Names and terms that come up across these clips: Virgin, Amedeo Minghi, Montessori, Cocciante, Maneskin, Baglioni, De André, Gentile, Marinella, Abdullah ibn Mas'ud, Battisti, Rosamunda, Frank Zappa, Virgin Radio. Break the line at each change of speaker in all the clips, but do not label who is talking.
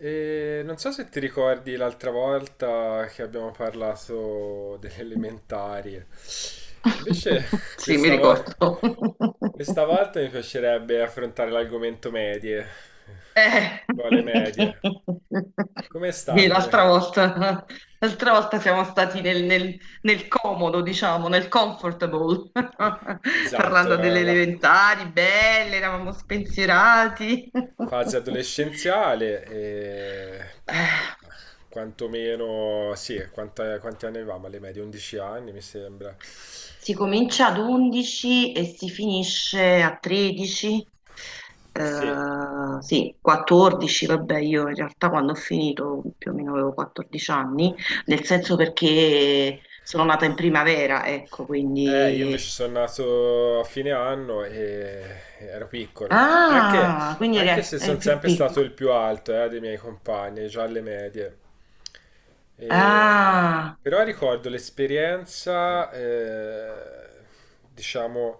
E non so se ti ricordi l'altra volta che abbiamo parlato delle elementari. Invece
Sì, mi
questa, vo-
ricordo.
questa volta mi piacerebbe affrontare l'argomento medie.
Eh.
Quale medie? Com'è
Sì,
stato? Come...
l'altra volta siamo stati nel comodo, diciamo, nel comfortable,
Esatto,
parlando delle
la
elementari, belle, eravamo spensierati.
fase adolescenziale
Eh.
eh, quantomeno, sì, quanti anni avevamo alle medie? 11 anni mi sembra.
Si comincia ad 11 e si finisce a 13,
Sì,
eh, sì, 14, vabbè, io in realtà quando ho finito più o meno avevo 14 anni, nel senso perché sono nata in primavera, ecco,
eh, io invece
quindi.
sono nato a fine anno e ero piccolo. Anche,
Ah, quindi
anche
eri,
se
eri
sono
più
sempre stato il
piccolo.
più alto, dei miei compagni, già alle medie. E-
Ah,
però ricordo l'esperienza, diciamo,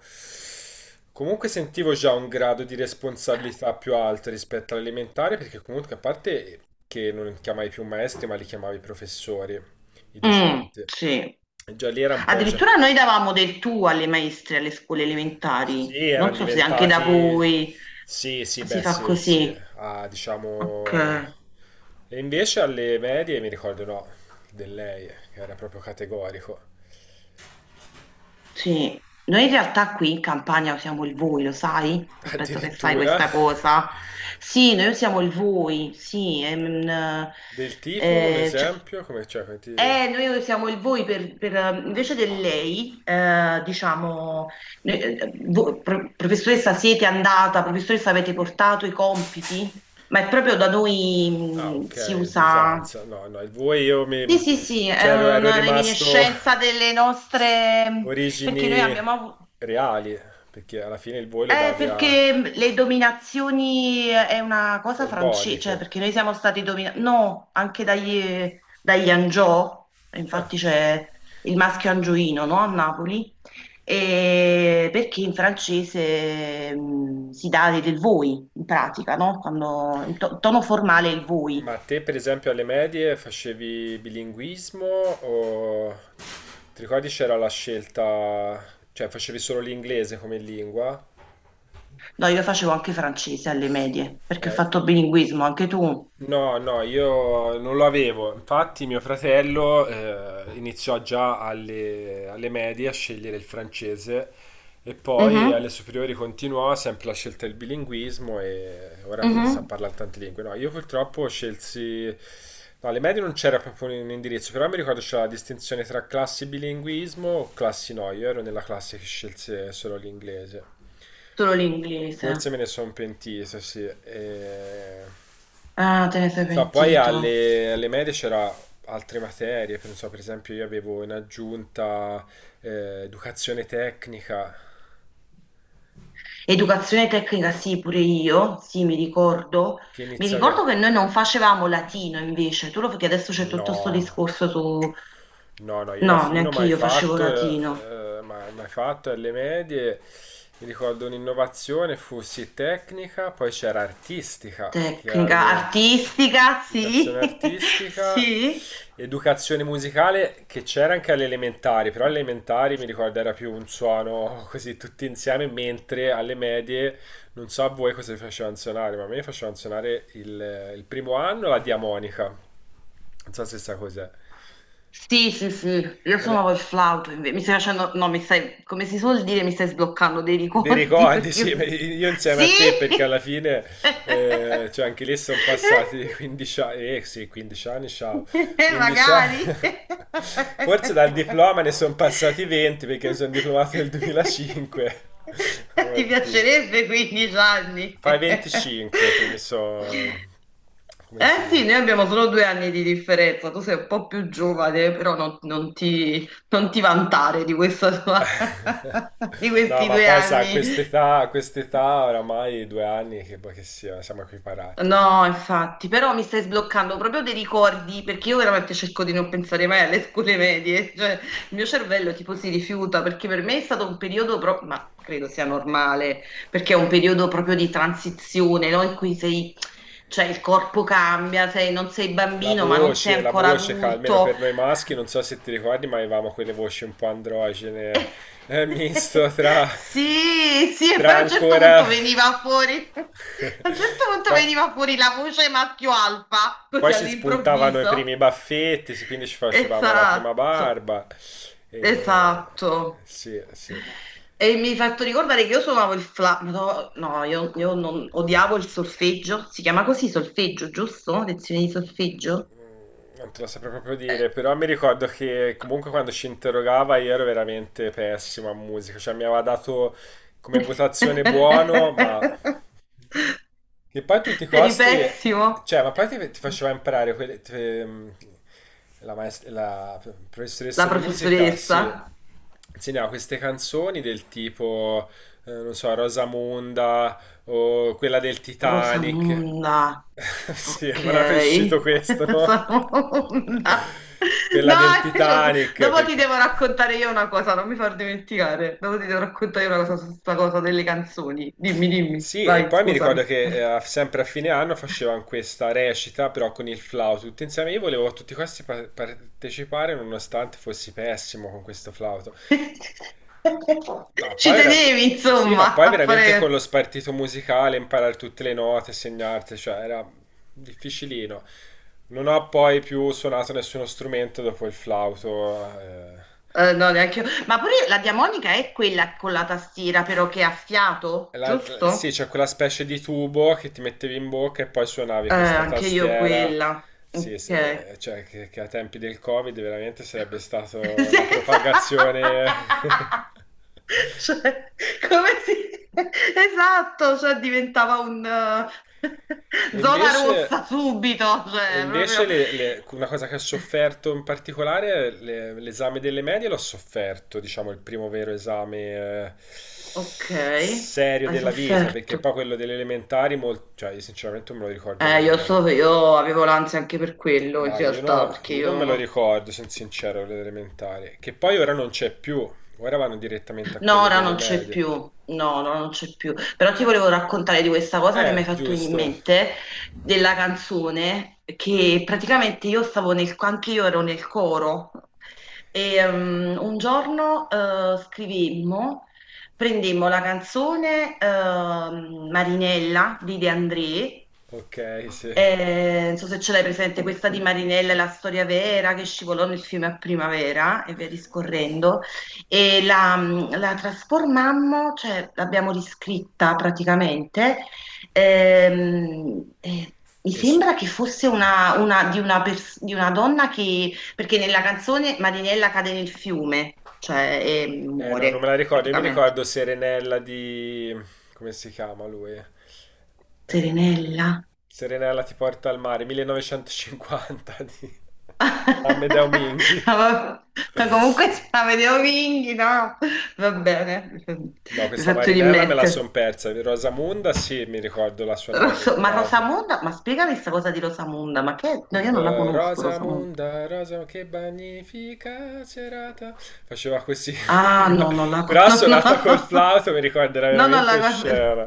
comunque sentivo già un grado di responsabilità più alto rispetto all'elementare, perché comunque a parte che non chiamavi più maestri, ma li chiamavi professori, i
mm,
docenti.
sì.
E già lì era un po' già...
Addirittura noi davamo del tu alle maestre alle scuole elementari,
Sì,
non
erano
so se anche da
diventati...
voi
Sì, sì,
si
beh,
fa
sì, sì.
così.
Ah,
Ok,
diciamo... E invece alle medie mi ricordo no, di lei, che era proprio categorico.
sì. Noi in realtà qui in Campania usiamo il voi, lo sai? Non penso che sai
Addirittura
questa cosa. Sì, noi usiamo il voi, sì.
del tipo, un
Eh, cioè-
esempio, come cioè, come ti-
noi usiamo il voi per, invece del lei, diciamo, professoressa siete andata, professoressa avete portato i compiti, ma è proprio da
ah,
noi,
ok,
si usa.
usanza. No, no, il voi io
Sì,
mi...
sì, sì, è
Cioè ero
una
rimasto
reminiscenza delle nostre, perché noi
origini
abbiamo avuto,
reali, perché alla fine il voi lo davi a
perché le dominazioni è una cosa francese, cioè
Borboniche.
perché noi siamo stati dominati, no, anche dagli Angiò,
Ah,
infatti c'è il maschio angioino, no, a Napoli, e perché in francese si dà del voi, in pratica, no? Quando, tono formale è il voi.
ma te, per esempio, alle medie facevi bilinguismo o ti ricordi c'era la scelta, cioè facevi solo l'inglese come lingua?
No, io facevo anche francese alle medie, perché ho
Eh,
fatto bilinguismo, anche tu.
No, no, io non lo avevo. Infatti, mio fratello iniziò già alle medie a scegliere il francese e poi
Mhm,
alle superiori continuò sempre la scelta del bilinguismo e ora sa, sa
mhm.
parlare tante lingue. No, io purtroppo scelsi. No, alle medie non c'era proprio un indirizzo, però mi ricordo c'era la distinzione tra classi bilinguismo o classi no. Io ero nella classe che scelse solo l'inglese.
Solo
Forse
l'inglese.
me ne sono pentito, sì. E...
Ah, te ne sei
so, poi
pentito.
alle medie c'era altre materie, non so, per esempio io avevo in aggiunta educazione tecnica
Educazione tecnica, sì, pure io, sì, mi ricordo.
che
Mi
iniziava...
ricordo che noi non facevamo latino invece, tu lo perché adesso c'è tutto questo
No,
discorso su.
no, no, io
No,
latino
neanche
mai
io facevo
fatto,
latino.
mai, mai fatto alle medie. Mi ricordo un'innovazione fu sì tecnica, poi c'era artistica, che
Tecnica,
alle...
artistica, sì,
Educazione artistica,
sì,
educazione musicale che c'era anche alle elementari, però alle elementari mi ricordo era più un suono così tutti insieme, mentre alle medie non so a voi cosa vi facevano suonare, ma a me facevano suonare il primo anno la diamonica. Non so se sa cos'è.
sì, sì, sì, io
È una-
suonavo il flauto, mi stai facendo, no, mi stai, come si suol dire, mi stai sbloccando dei
dei
ricordi
ricordi,
perché...
sì, ma
io-
io insieme
Sì!
a te perché alla fine, cioè anche lì sono passati 15 anni, eh sì, 15 anni, ciao, 15 anni,
Magari.
forse dal diploma ne sono passati 20 perché mi sono diplomato nel 2005,
Ti
oddio,
piacerebbe 15 anni?
fai 25 che mi so, come si
Eh sì,
dice?
noi abbiamo solo due anni di differenza, tu sei un po' più giovane, però non ti vantare di questa di
No,
questi
ma
due
poi sa,
anni.
a quest'età oramai 2 anni che, boh, che sia, siamo equiparati.
No, infatti, però mi stai sbloccando proprio dei ricordi perché io veramente cerco di non pensare mai alle scuole medie, cioè il mio cervello tipo si rifiuta perché per me è stato un periodo proprio, ma credo sia normale, perché è un periodo proprio di transizione, no? In cui sei, cioè il corpo cambia, non sei bambino ma non sei
La
ancora
voce, ca- almeno
adulto.
per noi maschi, non so se ti ricordi, ma avevamo quelle voci un po' androgene, misto tra,
Sì, sì, e poi
tra ancora...
a un certo punto
Poi,
veniva fuori la voce maschio alfa, così
poi ci spuntavano i
all'improvviso.
primi baffetti, sì, quindi ci facevamo la prima
Esatto,
barba. E...
esatto.
sì, sì.
E mi hai fatto ricordare che io suonavo il flauto, no, no, io non, odiavo il solfeggio, si chiama così solfeggio, giusto? Lezione di solfeggio?
Non te lo saprei proprio dire, però mi ricordo che comunque quando ci interrogava io ero veramente pessimo a musica, cioè mi aveva dato come votazione buono, ma che poi a tutti i
Eri
costi,
pessimo.
cioè, ma poi ti faceva imparare quelle, la, maest- la
La
professoressa di musica,
professoressa.
sì, insegnava queste canzoni del tipo, non so, Rosamunda o quella del Titanic.
Rosamunda,
Sì,
ok.
mi era uscito questo, no?
Rosamunda.
Quella del
Dai, cioè,
Titanic,
dopo ti
perché...
devo raccontare io una cosa, non mi far dimenticare. Dopo ti devo raccontare io una cosa su questa cosa delle canzoni. Dimmi, dimmi,
sì, e
vai,
poi mi ricordo
scusami.
che a- sempre a fine anno facevano questa recita, però con il flauto, tutti insieme. Io volevo a tutti questi pa- partecipare, nonostante fossi pessimo con questo flauto. Ma
Ci
poi era...
tenevi,
sì, ma
insomma,
poi
a
veramente con lo
fare.
spartito musicale, imparare tutte le note, segnarti, cioè era difficilino. Non ho poi più suonato nessuno strumento dopo il flauto. Eh.
No, neanche io. Ma pure la diamonica è quella con la tastiera, però che ha fiato,
Sì,
giusto?
c'è quella specie di tubo che ti mettevi in bocca e poi suonavi questa
Anche io
tastiera.
quella.
Sì,
Ok.
se- cioè che a tempi del Covid veramente sarebbe stata
Senza.
una propagazione.
Cioè, come si. Esatto, cioè diventava
E
zona
invece,
rossa subito,
e
cioè
invece
proprio.
una cosa che ho sofferto in particolare, le- l'esame delle medie l'ho sofferto, diciamo, il primo vero esame
Ok,
serio
hai
della vita, perché
sofferto.
poi quello delle elementari, mol- cioè io sinceramente non me lo ricordo nemmeno.
Io avevo l'ansia anche per quello in
Ma io,
realtà,
no-
perché
io non me lo
io.
ricordo, sono sincero, l'elementare. Che poi ora non c'è più. Ora vanno direttamente a
No,
quello
ora
delle
non c'è
medie.
più, no, ora non c'è più. Però ti volevo raccontare di questa cosa che mi hai fatto venire in
Giusto.
mente, della canzone, che praticamente anche io ero nel coro, e un giorno scrivemmo, prendemmo la canzone Marinella di De André,
Ok, sì.
non so se ce l'hai presente, questa di Marinella è la storia vera che scivolò nel fiume a primavera e via discorrendo e la trasformammo, cioè l'abbiamo riscritta praticamente. Ehm, eh, mi
E su-
sembra che fosse una, di una donna che, perché nella canzone Marinella cade nel fiume, cioè e
eh no, non me la
muore
ricordo. Io mi
praticamente.
ricordo Serenella di... come si chiama lui? Eh,
Serenella.
Serenella ti porta al mare, 1950 di Amedeo
Ma
Minghi.
va- ma comunque se la vedevo Vinghi, no? Va bene,
No,
mi
questa
faccio
Marinella me la son
rimettere.
persa. Di Rosamunda sì, mi ricordo la suonare col
Ma
flauto.
Rosamunda, ma spiegami questa cosa di Rosamunda, ma che? No,
Il
io non la
po-
conosco, Rosamunda.
Rosamunda, Rosa, che magnifica serata. Faceva così.
Ah, no, non la
Però suonata col
conosco.
flauto mi ricorderà
No, no, no,
veramente
no, non la.
scena.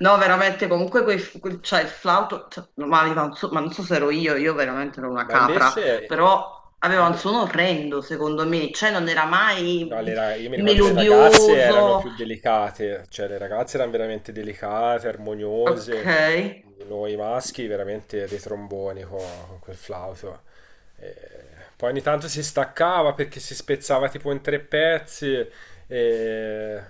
No, veramente, comunque cioè, il flauto, cioè, ma, aveva ma non so se ero io veramente ero una
Ma
capra,
invece...
però aveva un suono orrendo, secondo me, cioè non era
no,
mai
le ra- io mi ricordo le ragazze erano
melodioso.
più delicate, cioè le ragazze erano veramente delicate,
Ok.
armoniose, noi maschi veramente dei tromboni co- con, quel flauto. Eh, poi ogni tanto si staccava perché si spezzava tipo in 3 pezzi. E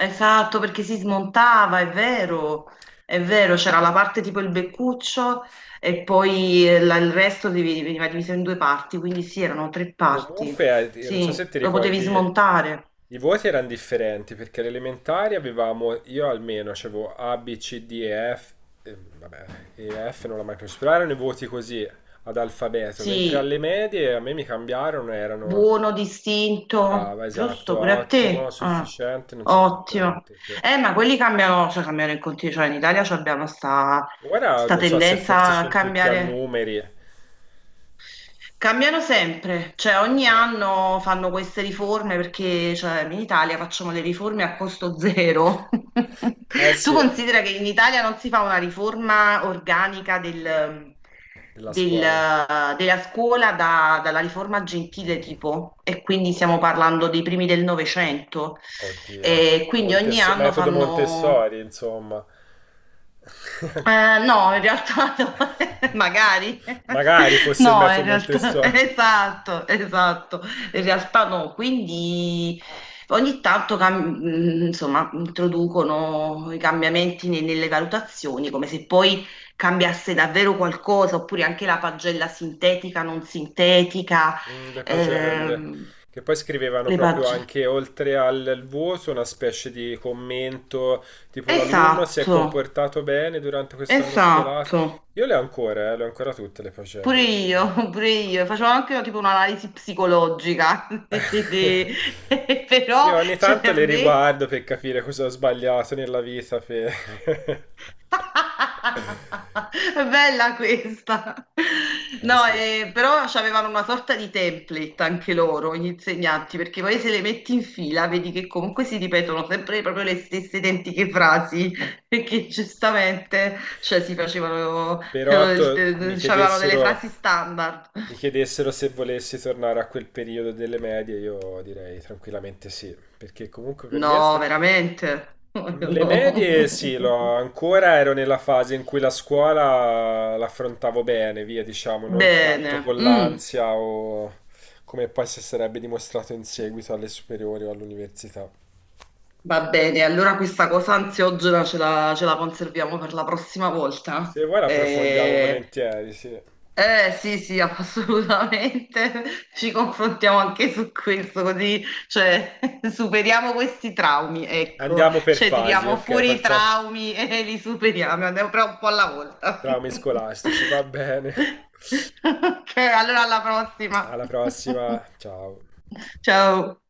Esatto, perché si smontava, è vero, c'era la parte tipo il beccuccio e poi il resto veniva diviso in due parti, quindi sì, erano tre parti,
comunque, non so
sì,
se ti
lo potevi
ricordi,
smontare,
i voti erano differenti perché alle elementari avevamo, io almeno avevo A, B, C, D e F, vabbè, E, F non l'ho mai preso, però erano i voti così ad alfabeto, mentre alle
sì,
medie a me mi cambiarono, erano
buono, distinto,
brava,
giusto,
esatto,
pure a
ottimo,
te, Ah,
sufficiente, non
ottimo.
sufficiente, sì.
Ma quelli cambiano, cioè cambiano in continuo, cioè in Italia ci abbiamo sta,
Ora
sta
non so se forse
tendenza a
sono tutti a
cambiare.
numeri.
Cambiano sempre, cioè ogni
Eh,
anno fanno queste riforme perché cioè, in Italia facciamo le riforme a costo zero.
eh
Tu
sì,
considera che in Italia non si fa una riforma organica
della scuola.
della scuola dalla riforma Gentile tipo, e quindi stiamo parlando dei primi del Novecento.
Oddio.
E quindi ogni
Montesso-
anno
metodo
fanno
Montessori, insomma.
no, in realtà no. Magari.
Magari fosse il
No, in
metodo
realtà,
Montessori.
esatto, esatto. In realtà no, quindi ogni tanto insomma, introducono i cambiamenti nelle valutazioni, come se poi cambiasse davvero qualcosa, oppure anche la pagella sintetica, non sintetica,
Mm, le pagelle.
ehm,
Che poi scrivevano
le
proprio
pagelle.
anche oltre al al voto una specie di commento tipo l'alunno si è
Esatto,
comportato bene durante quest'anno scolastico.
esatto.
Io le ho ancora tutte le
Pure
pagelle.
io, pure io, facevo anche tipo un'analisi psicologica,
Sì,
però
ogni
cioè
tanto
a
le
me
riguardo per capire cosa ho sbagliato nella vita. Per-
è bella questa.
eh
No,
sì.
però avevano una sorta di template anche loro, gli insegnanti, perché poi se le metti in fila vedi che comunque si ripetono sempre proprio le stesse identiche frasi, perché giustamente cioè, si facevano, eh,
Però to- mi
il- c'avevano delle
chiedessero.
frasi standard.
Mi chiedessero se volessi tornare a quel periodo delle medie, io direi tranquillamente sì, perché comunque per me è
No,
sta-
veramente?
le medie
No.
sì, l'ho- ancora ero nella fase in cui la scuola l'affrontavo bene, via, diciamo, non tanto
Bene,
con l'ansia o come poi si sarebbe dimostrato in seguito alle superiori o all'università.
va bene. Allora questa cosa ansiogena ce la conserviamo per la prossima volta.
Se vuoi l'approfondiamo
Eh,
volentieri, sì.
Eh sì, sì, assolutamente. Ci confrontiamo anche su questo, così, cioè, superiamo questi traumi, ecco.
Andiamo per
Cioè,
fasi,
tiriamo
ok,
fuori i
facciamo
traumi e li superiamo, andiamo però un po' alla volta.
traumi scolastici, va bene.
Ok, allora alla prossima.
Alla prossima, ciao.
Ciao.